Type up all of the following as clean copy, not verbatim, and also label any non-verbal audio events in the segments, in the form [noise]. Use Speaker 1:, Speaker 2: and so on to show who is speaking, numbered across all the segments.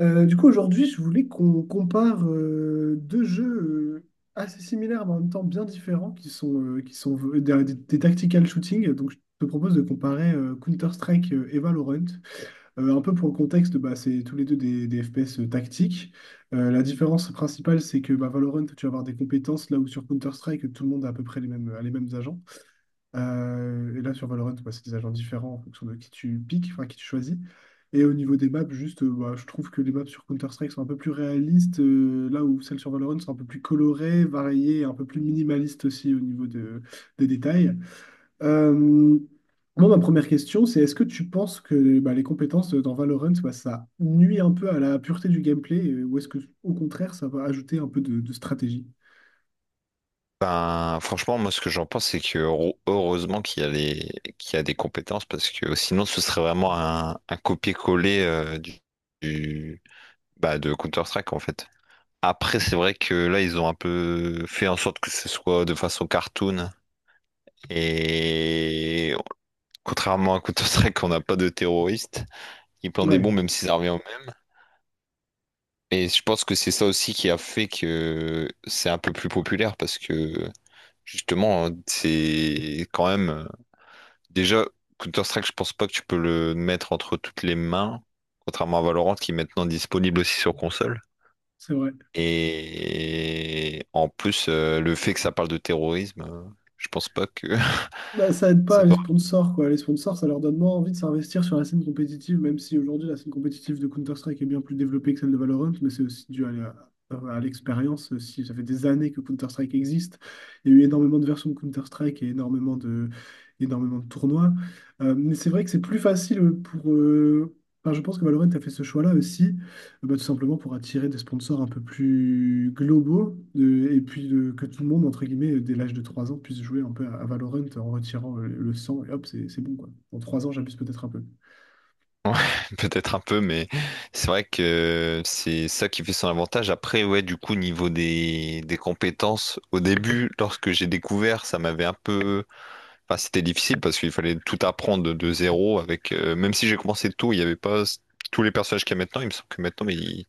Speaker 1: Du coup, aujourd'hui, je voulais qu'on compare deux jeux euh, assez similaires, mais en même temps bien différents, qui sont des tactical shooting. Donc, je te propose de comparer Counter-Strike et Valorant. Un peu pour le contexte, bah, c'est tous les deux des FPS tactiques. La différence principale, c'est que bah, Valorant, tu vas avoir des compétences, là où sur Counter-Strike, tout le monde a à peu près les mêmes, a les mêmes agents. Et là, sur Valorant, bah, c'est des agents différents en fonction de qui tu piques, enfin qui tu choisis. Et au niveau des maps, juste, bah, je trouve que les maps sur Counter-Strike sont un peu plus réalistes, là où celles sur Valorant sont un peu plus colorées, variées, et un peu plus minimalistes aussi au niveau des détails. Euh, Moi, ma première question, c'est est-ce que tu penses que bah, les compétences dans Valorant, bah, ça nuit un peu à la pureté du gameplay, ou est-ce que au contraire, ça va ajouter un peu de stratégie?
Speaker 2: Ben, franchement, moi, ce que j'en pense, c'est que heureusement qu'il y a des compétences parce que sinon, ce serait vraiment un copier-coller du- bah, de Counter-Strike en fait. Après, c'est vrai que là, ils ont un peu fait en sorte que ce soit de façon cartoon et contrairement à Counter-Strike, on n'a pas de terroristes. Ils plantent des
Speaker 1: Ouais,
Speaker 2: bombes, même si ça revient au même. Et je pense que c'est ça aussi qui a fait que c'est un peu plus populaire parce que justement, c'est quand même. Déjà, Counter-Strike, je pense pas que tu peux le mettre entre toutes les mains, contrairement à Valorant qui est maintenant disponible aussi sur console.
Speaker 1: c'est vrai.
Speaker 2: Et en plus, le fait que ça parle de terrorisme, je pense pas que
Speaker 1: Bah, ça aide
Speaker 2: [laughs] ça
Speaker 1: pas les
Speaker 2: doit.
Speaker 1: sponsors, quoi. Les sponsors, ça leur donne moins envie de s'investir sur la scène compétitive, même si aujourd'hui la scène compétitive de Counter-Strike est bien plus développée que celle de Valorant, mais c'est aussi dû à à l'expérience. Si ça fait des années que Counter-Strike existe, il y a eu énormément de versions de Counter-Strike et énormément de tournois. Mais c'est vrai que c'est plus facile pour. Enfin, je pense que Valorant a fait ce choix-là aussi bah, tout simplement pour attirer des sponsors un peu plus globaux et puis que tout le monde, entre guillemets, dès l'âge de 3 ans, puisse jouer un peu à Valorant en retirant le sang et hop, c'est bon quoi. En 3 ans, j'abuse peut-être un peu.
Speaker 2: Ouais, [laughs] peut-être un peu, mais c'est vrai que c'est ça qui fait son avantage. Après, ouais, du coup, niveau des compétences, au début, lorsque j'ai découvert, ça m'avait un peu. Enfin, c'était difficile parce qu'il fallait tout apprendre de zéro avec même si j'ai commencé tôt, il n'y avait pas tous les personnages qu'il y a maintenant. Il me semble que maintenant ils,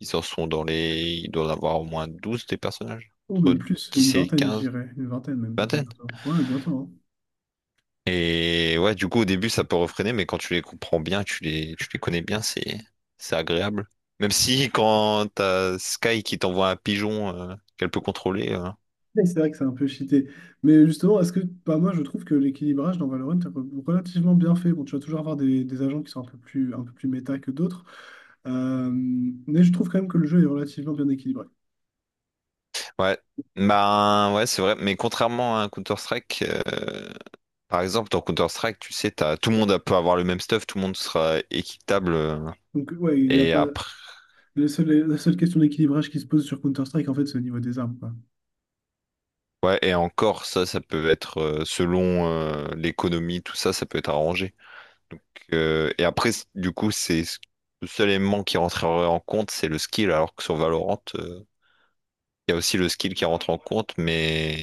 Speaker 2: ils en sont dans les. Ils doivent avoir au moins 12 des personnages.
Speaker 1: Ou
Speaker 2: Entre
Speaker 1: même plus, une
Speaker 2: 10 et
Speaker 1: vingtaine, je
Speaker 2: quinze
Speaker 1: dirais. Une vingtaine même peut-être
Speaker 2: vingtaine.
Speaker 1: bientôt. Ouais, bientôt, hein.
Speaker 2: Et ouais, du coup au début ça peut refréner, mais quand tu les comprends bien, tu les connais bien, c'est agréable. Même si quand t'as Sky qui t'envoie un pigeon qu'elle peut contrôler.
Speaker 1: Mais c'est vrai que c'est un peu cheaté. Mais justement, est-ce que, bah, moi, je trouve que l'équilibrage dans Valorant est relativement bien fait. Bon, tu vas toujours avoir des agents qui sont un peu plus méta que d'autres. Mais je trouve quand même que le jeu est relativement bien équilibré.
Speaker 2: Ouais. Ben ouais, c'est vrai. Mais contrairement à un Counter-Strike. Par exemple, dans Counter-Strike, tu sais, t'as, tout le monde peut avoir le même stuff, tout le monde sera équitable.
Speaker 1: Donc, ouais, il n'y a
Speaker 2: Et
Speaker 1: pas.
Speaker 2: après,
Speaker 1: La seule question d'équilibrage qui se pose sur Counter-Strike, en fait, c'est au niveau des armes, quoi.
Speaker 2: ouais, et encore, ça peut être selon l'économie, tout ça, ça peut être arrangé. Donc, et après, du coup, le seul élément qui rentrerait en compte, c'est le skill. Alors que sur Valorant, il y a aussi le skill qui rentre en compte, mais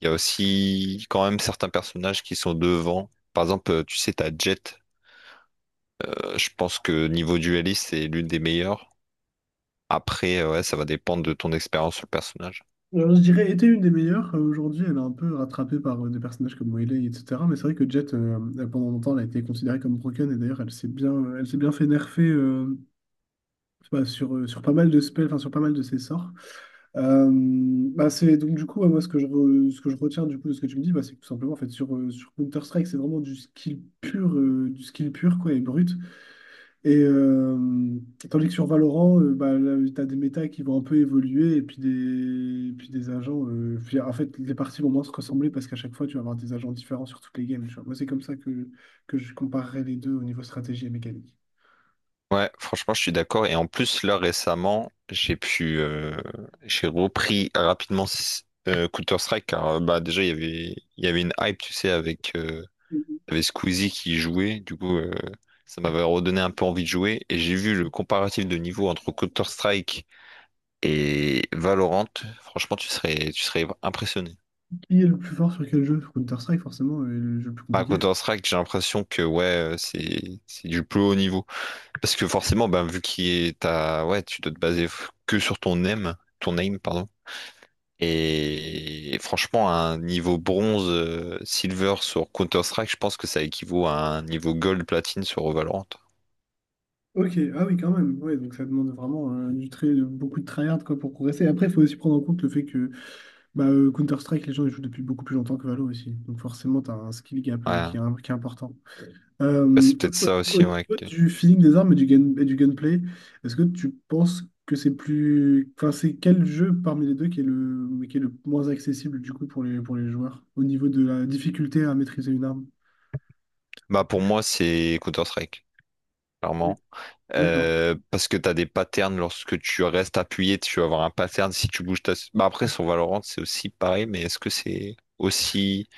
Speaker 2: il y a aussi quand même certains personnages qui sont devant. Par exemple, tu sais, t'as Jett. Je pense que niveau dueliste, c'est l'une des meilleures. Après, ouais, ça va dépendre de ton expérience sur le personnage.
Speaker 1: Alors, je dirais, était une des meilleures. Aujourd'hui, elle est un peu rattrapée par des personnages comme Melee, etc. Mais c'est vrai que Jett, elle, pendant longtemps, elle a été considérée comme broken. Et d'ailleurs, elle s'est bien fait nerfer enfin, sur, sur pas mal de spells, enfin, sur pas mal de ses sorts. Euh, Bah c'est donc du coup ouais, moi ce que je ce que je retiens du coup de ce que tu me dis bah, c'est que tout simplement en fait sur sur Counter Strike c'est vraiment du skill pur quoi et brut et tandis que sur Valorant bah là, t'as des méta qui vont un peu évoluer et puis des agents puis, en fait les parties vont moins se ressembler parce qu'à chaque fois tu vas avoir des agents différents sur toutes les games tu vois. Moi c'est comme ça que je comparerais les deux au niveau stratégie et mécanique.
Speaker 2: Ouais, franchement, je suis d'accord. Et en plus, là, récemment, j'ai repris rapidement Counter-Strike, car bah, déjà, il y avait une hype, tu sais, avec, il y avait Squeezie qui y jouait. Du coup, ça m'avait redonné un peu envie de jouer. Et j'ai vu le comparatif de niveau entre Counter-Strike et Valorant. Franchement, tu serais impressionné.
Speaker 1: Qui est le plus fort sur quel jeu? Sur Counter Strike forcément est le jeu le plus
Speaker 2: À
Speaker 1: compliqué.
Speaker 2: Counter-Strike, j'ai l'impression que, ouais, c'est du plus haut niveau. Parce que forcément, ben, vu qu'il est à... Ouais, tu dois te baser que sur ton aim, pardon. Et franchement, un niveau bronze, silver sur Counter-Strike, je pense que ça équivaut à un niveau gold, platine sur Valorant.
Speaker 1: Ok, ah oui, quand même. Ouais, donc ça demande vraiment du très, beaucoup de tryhard quoi, pour progresser. Après, il faut aussi prendre en compte le fait que bah, Counter-Strike, les gens ils jouent depuis beaucoup plus longtemps que Valo aussi. Donc forcément, tu as un skill gap
Speaker 2: Ouais.
Speaker 1: qui est, qui est important. Euh,
Speaker 2: Ouais, c'est peut-être ça
Speaker 1: au
Speaker 2: aussi, ouais.
Speaker 1: niveau
Speaker 2: que-
Speaker 1: du feeling des armes et du, et du gunplay, est-ce que tu penses que c'est plus... Enfin, c'est quel jeu parmi les deux qui est le moins accessible du coup pour les joueurs au niveau de la difficulté à maîtriser une arme?
Speaker 2: Bah, pour moi, c'est Counter-Strike, clairement.
Speaker 1: D'accord.
Speaker 2: Parce que tu as des patterns lorsque tu restes appuyé, tu vas avoir un pattern si tu bouges. Bah après, sur Valorant, c'est aussi pareil, mais est-ce que c'est aussi,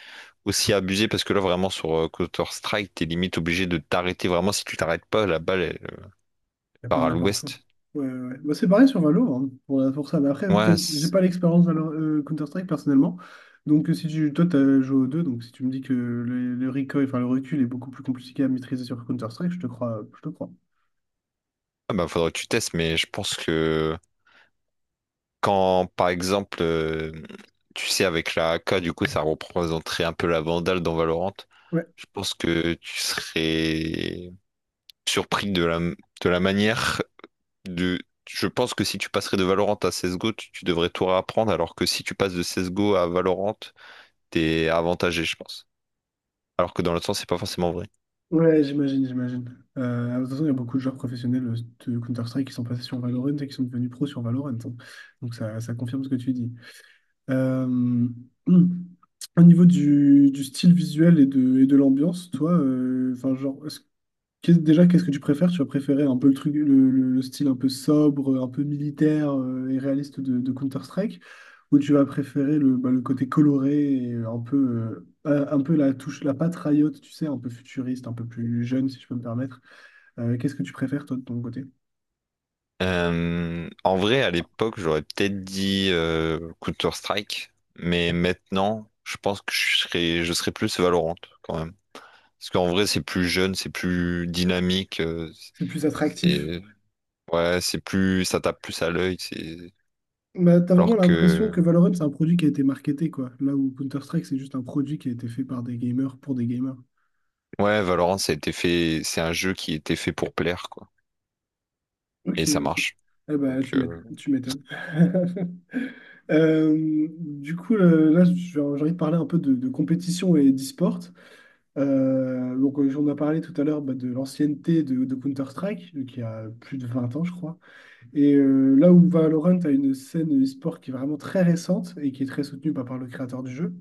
Speaker 2: aussi abusé? Parce que là, vraiment, sur Counter-Strike, t'es limite obligé de t'arrêter. Vraiment, si tu t'arrêtes pas, la balle, elle
Speaker 1: Il n'y a
Speaker 2: part
Speaker 1: pas
Speaker 2: à
Speaker 1: n'importe où.
Speaker 2: l'ouest.
Speaker 1: Ouais, ouais, ouais. Bah, c'est pareil sur Valo, hein, pour, pour ça. Mais après,
Speaker 2: Ouais,
Speaker 1: peut-être, j'ai pas l'expérience Counter-Strike personnellement. Donc, si tu, toi, t'as joué aux deux, donc si tu me dis que le recoil, enfin le recul est beaucoup plus compliqué à maîtriser sur Counter-Strike, je te crois, je te crois.
Speaker 2: ah bah, faudrait que tu testes, mais je pense que quand, par exemple, tu sais, avec la AK, du coup, ça représenterait un peu la Vandale dans Valorant.
Speaker 1: Ouais,
Speaker 2: Je pense que tu serais surpris de la manière de- Je pense que si tu passerais de Valorant à CSGO, tu devrais tout réapprendre, alors que si tu passes de CSGO à Valorant, t'es avantagé, je pense. Alors que dans l'autre sens, c'est pas forcément vrai.
Speaker 1: ouais, j'imagine, j'imagine. De toute façon, il y a beaucoup de joueurs professionnels de Counter-Strike qui sont passés sur Valorant et qui sont devenus pros sur Valorant, hein. Donc, ça confirme ce que tu dis. Euh, [clears throat] Au niveau du style visuel et de l'ambiance, toi, enfin, genre, qu'est-ce que tu préfères? Tu as préféré un peu le truc, le, le style un peu sobre, un peu militaire et réaliste de Counter-Strike, ou tu vas préférer le, bah, le côté coloré et un peu la touche, la patte Riot, tu sais, un peu futuriste, un peu plus jeune, si je peux me permettre. Qu'est-ce que tu préfères, toi, de ton côté?
Speaker 2: En vrai, à l'époque, j'aurais peut-être dit Counter-Strike, mais maintenant, je pense que je serais plus Valorant quand même. Parce qu'en vrai, c'est plus jeune, c'est plus dynamique,
Speaker 1: C'est plus attractif.
Speaker 2: c'est ouais, c'est plus, ça tape plus à l'œil, c'est
Speaker 1: Bah, t'as vraiment
Speaker 2: alors
Speaker 1: l'impression
Speaker 2: que
Speaker 1: que Valorant, c'est un produit qui a été marketé, quoi. Là où Counter-Strike, c'est juste un produit qui a été fait par des gamers pour des gamers.
Speaker 2: Ouais, Valorant, ça a été fait, c'est un jeu qui était fait pour plaire, quoi. Et
Speaker 1: Ok,
Speaker 2: ça
Speaker 1: ok.
Speaker 2: marche.
Speaker 1: Eh ben,
Speaker 2: Donc,
Speaker 1: tu m'étonnes. [laughs] Là, j'ai envie de parler un peu de compétition et d'e-sport. Donc, on a parlé tout à l'heure bah, de l'ancienneté de Counter-Strike, qui a plus de 20 ans, je crois. Et là où Valorant a une scène e-sport qui est vraiment très récente et qui est très soutenue bah, par le créateur du jeu,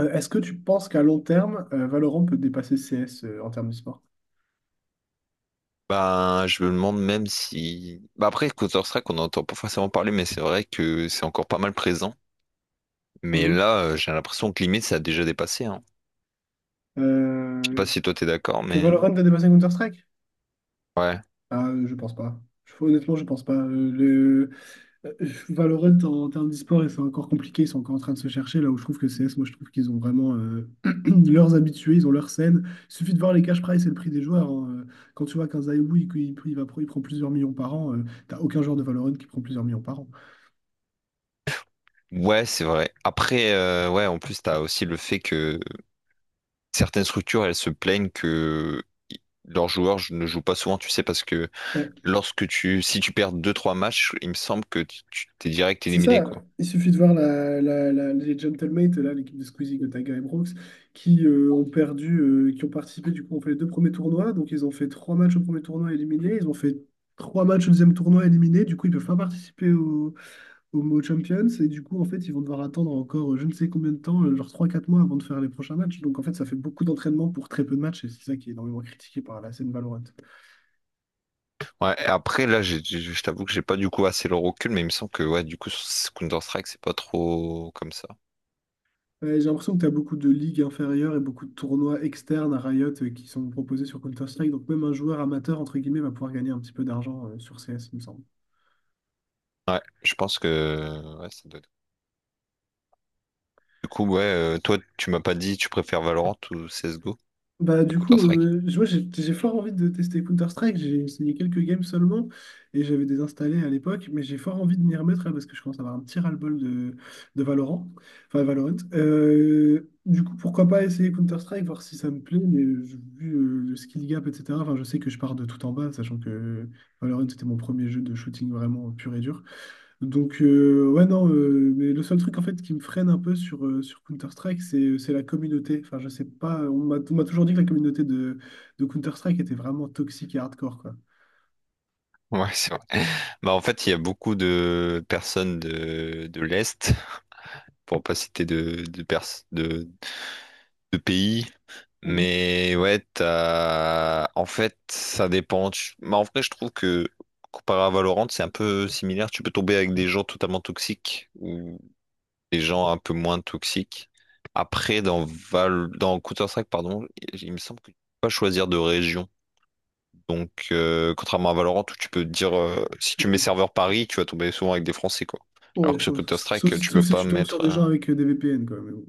Speaker 1: est-ce que tu penses qu'à long terme, Valorant peut dépasser CS en termes d'e-sport?
Speaker 2: ben, je me demande même si. Bah après, Counter-Strike, on n'entend pas forcément parler, mais c'est vrai que c'est encore pas mal présent. Mais
Speaker 1: Mhm.
Speaker 2: là, j'ai l'impression que limite, ça a déjà dépassé, hein. Je sais pas
Speaker 1: Euh,
Speaker 2: si toi t'es d'accord,
Speaker 1: que
Speaker 2: mais.
Speaker 1: Valorant a dépassé Counter-Strike?
Speaker 2: Ouais.
Speaker 1: Ah, je pense pas. Honnêtement, je pense pas. Euh, Valorant, en, termes d'e-sport, c'est encore compliqué. Ils sont encore en train de se chercher. Là où je trouve que CS, moi, je trouve qu'ils ont vraiment [clears throat] leurs habitués, ils ont leur scène. Il suffit de voir les cash prizes et le prix des joueurs, hein. Quand tu vois qu'un Zaïou, il, il va, il prend plusieurs millions par an, t'as aucun joueur de Valorant qui prend plusieurs millions par an.
Speaker 2: Ouais, c'est vrai. Après, ouais, en plus, t'as aussi le fait que certaines structures, elles se plaignent que i- leurs joueurs ne jouent pas souvent, tu sais, parce que lorsque tu. Si tu perds deux trois matchs, il me semble que t'es direct
Speaker 1: C'est
Speaker 2: éliminé,
Speaker 1: ça,
Speaker 2: quoi.
Speaker 1: il suffit de voir la, les Gentlemates, là, l'équipe de Squeezie, Gotaga et Brooks, qui ont perdu, qui ont participé, du coup, ont fait les deux premiers tournois, donc ils ont fait trois matchs au premier tournoi éliminés, ils ont fait trois matchs au deuxième tournoi éliminés, du coup, ils peuvent pas participer au, au Mo Champions, et du coup, en fait, ils vont devoir attendre encore je ne sais combien de temps, genre trois quatre mois avant de faire les prochains matchs, donc en fait, ça fait beaucoup d'entraînement pour très peu de matchs, et c'est ça qui est énormément critiqué par la scène Valorant.
Speaker 2: Ouais, et après, là, je t'avoue que j'ai pas du coup assez le recul, mais il me semble que, ouais, du coup, sur Counter-Strike, c'est pas trop comme ça.
Speaker 1: Ouais, j'ai l'impression que tu as beaucoup de ligues inférieures et beaucoup de tournois externes à Riot qui sont proposés sur Counter-Strike. Donc même un joueur amateur, entre guillemets, va pouvoir gagner un petit peu d'argent sur CS, il me semble.
Speaker 2: Ouais, je pense que, ouais, ça doit être. Du coup, ouais, toi, tu m'as pas dit, tu préfères Valorant ou CSGO
Speaker 1: Bah
Speaker 2: à
Speaker 1: du coup,
Speaker 2: Counter-Strike?
Speaker 1: moi j'ai fort envie de tester Counter-Strike, j'ai essayé quelques games seulement et j'avais désinstallé à l'époque, mais j'ai fort envie de m'y remettre là, parce que je commence à avoir un petit ras-le-bol de Valorant, enfin Valorant. Du coup, pourquoi pas essayer Counter-Strike, voir si ça me plaît, mais vu le skill gap, etc., enfin je sais que je pars de tout en bas, sachant que Valorant c'était mon premier jeu de shooting vraiment pur et dur. Donc, ouais, non, mais le seul truc en fait qui me freine un peu sur, sur Counter-Strike, c'est la communauté. Enfin, je sais pas, on m'a toujours dit que la communauté de Counter-Strike était vraiment toxique et hardcore, quoi.
Speaker 2: Ouais, c'est vrai. Bah, en fait, il y a beaucoup de personnes de l'Est, pour pas citer de pays.
Speaker 1: Mhm.
Speaker 2: Mais ouais, en fait, ça dépend. Mais en vrai, je trouve que comparé à Valorant, c'est un peu similaire. Tu peux tomber avec des gens totalement toxiques ou des gens un peu moins toxiques. Après, dans Counter-Strike, pardon, il me semble que tu peux pas choisir de région. Donc, contrairement à Valorant, où tu peux dire, si tu mets serveur Paris, tu vas tomber souvent avec des Français, quoi.
Speaker 1: Ouais,
Speaker 2: Alors que sur
Speaker 1: enfin, sauf,
Speaker 2: Counter-Strike, tu
Speaker 1: sauf
Speaker 2: peux
Speaker 1: si
Speaker 2: pas
Speaker 1: tu tombes sur
Speaker 2: mettre.
Speaker 1: des gens avec des VPN, quoi. Mais bon,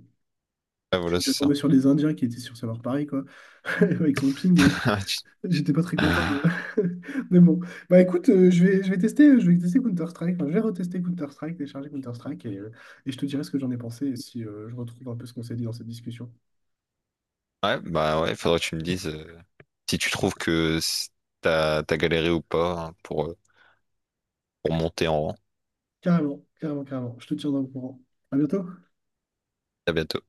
Speaker 2: Ouais,
Speaker 1: je suis
Speaker 2: voilà, c'est
Speaker 1: déjà
Speaker 2: ça.
Speaker 1: tombé sur des Indiens qui étaient sur serveur Paris, quoi, [laughs] avec son ping.
Speaker 2: [laughs]
Speaker 1: J'étais pas très content. euh. [laughs] Mais bon. Bah écoute, je vais tester, je vais tester Counter-Strike. Enfin, je vais retester Counter-Strike, télécharger Counter-Strike et je te dirai ce que j'en ai pensé et si je retrouve un peu ce qu'on s'est dit dans cette discussion.
Speaker 2: Ouais, bah ouais, faudrait que tu me dises. Si tu trouves que t'as galéré ou pas hein, pour monter en rang.
Speaker 1: Carrément, carrément, carrément. Je te tiendrai au courant. À bientôt.
Speaker 2: À bientôt.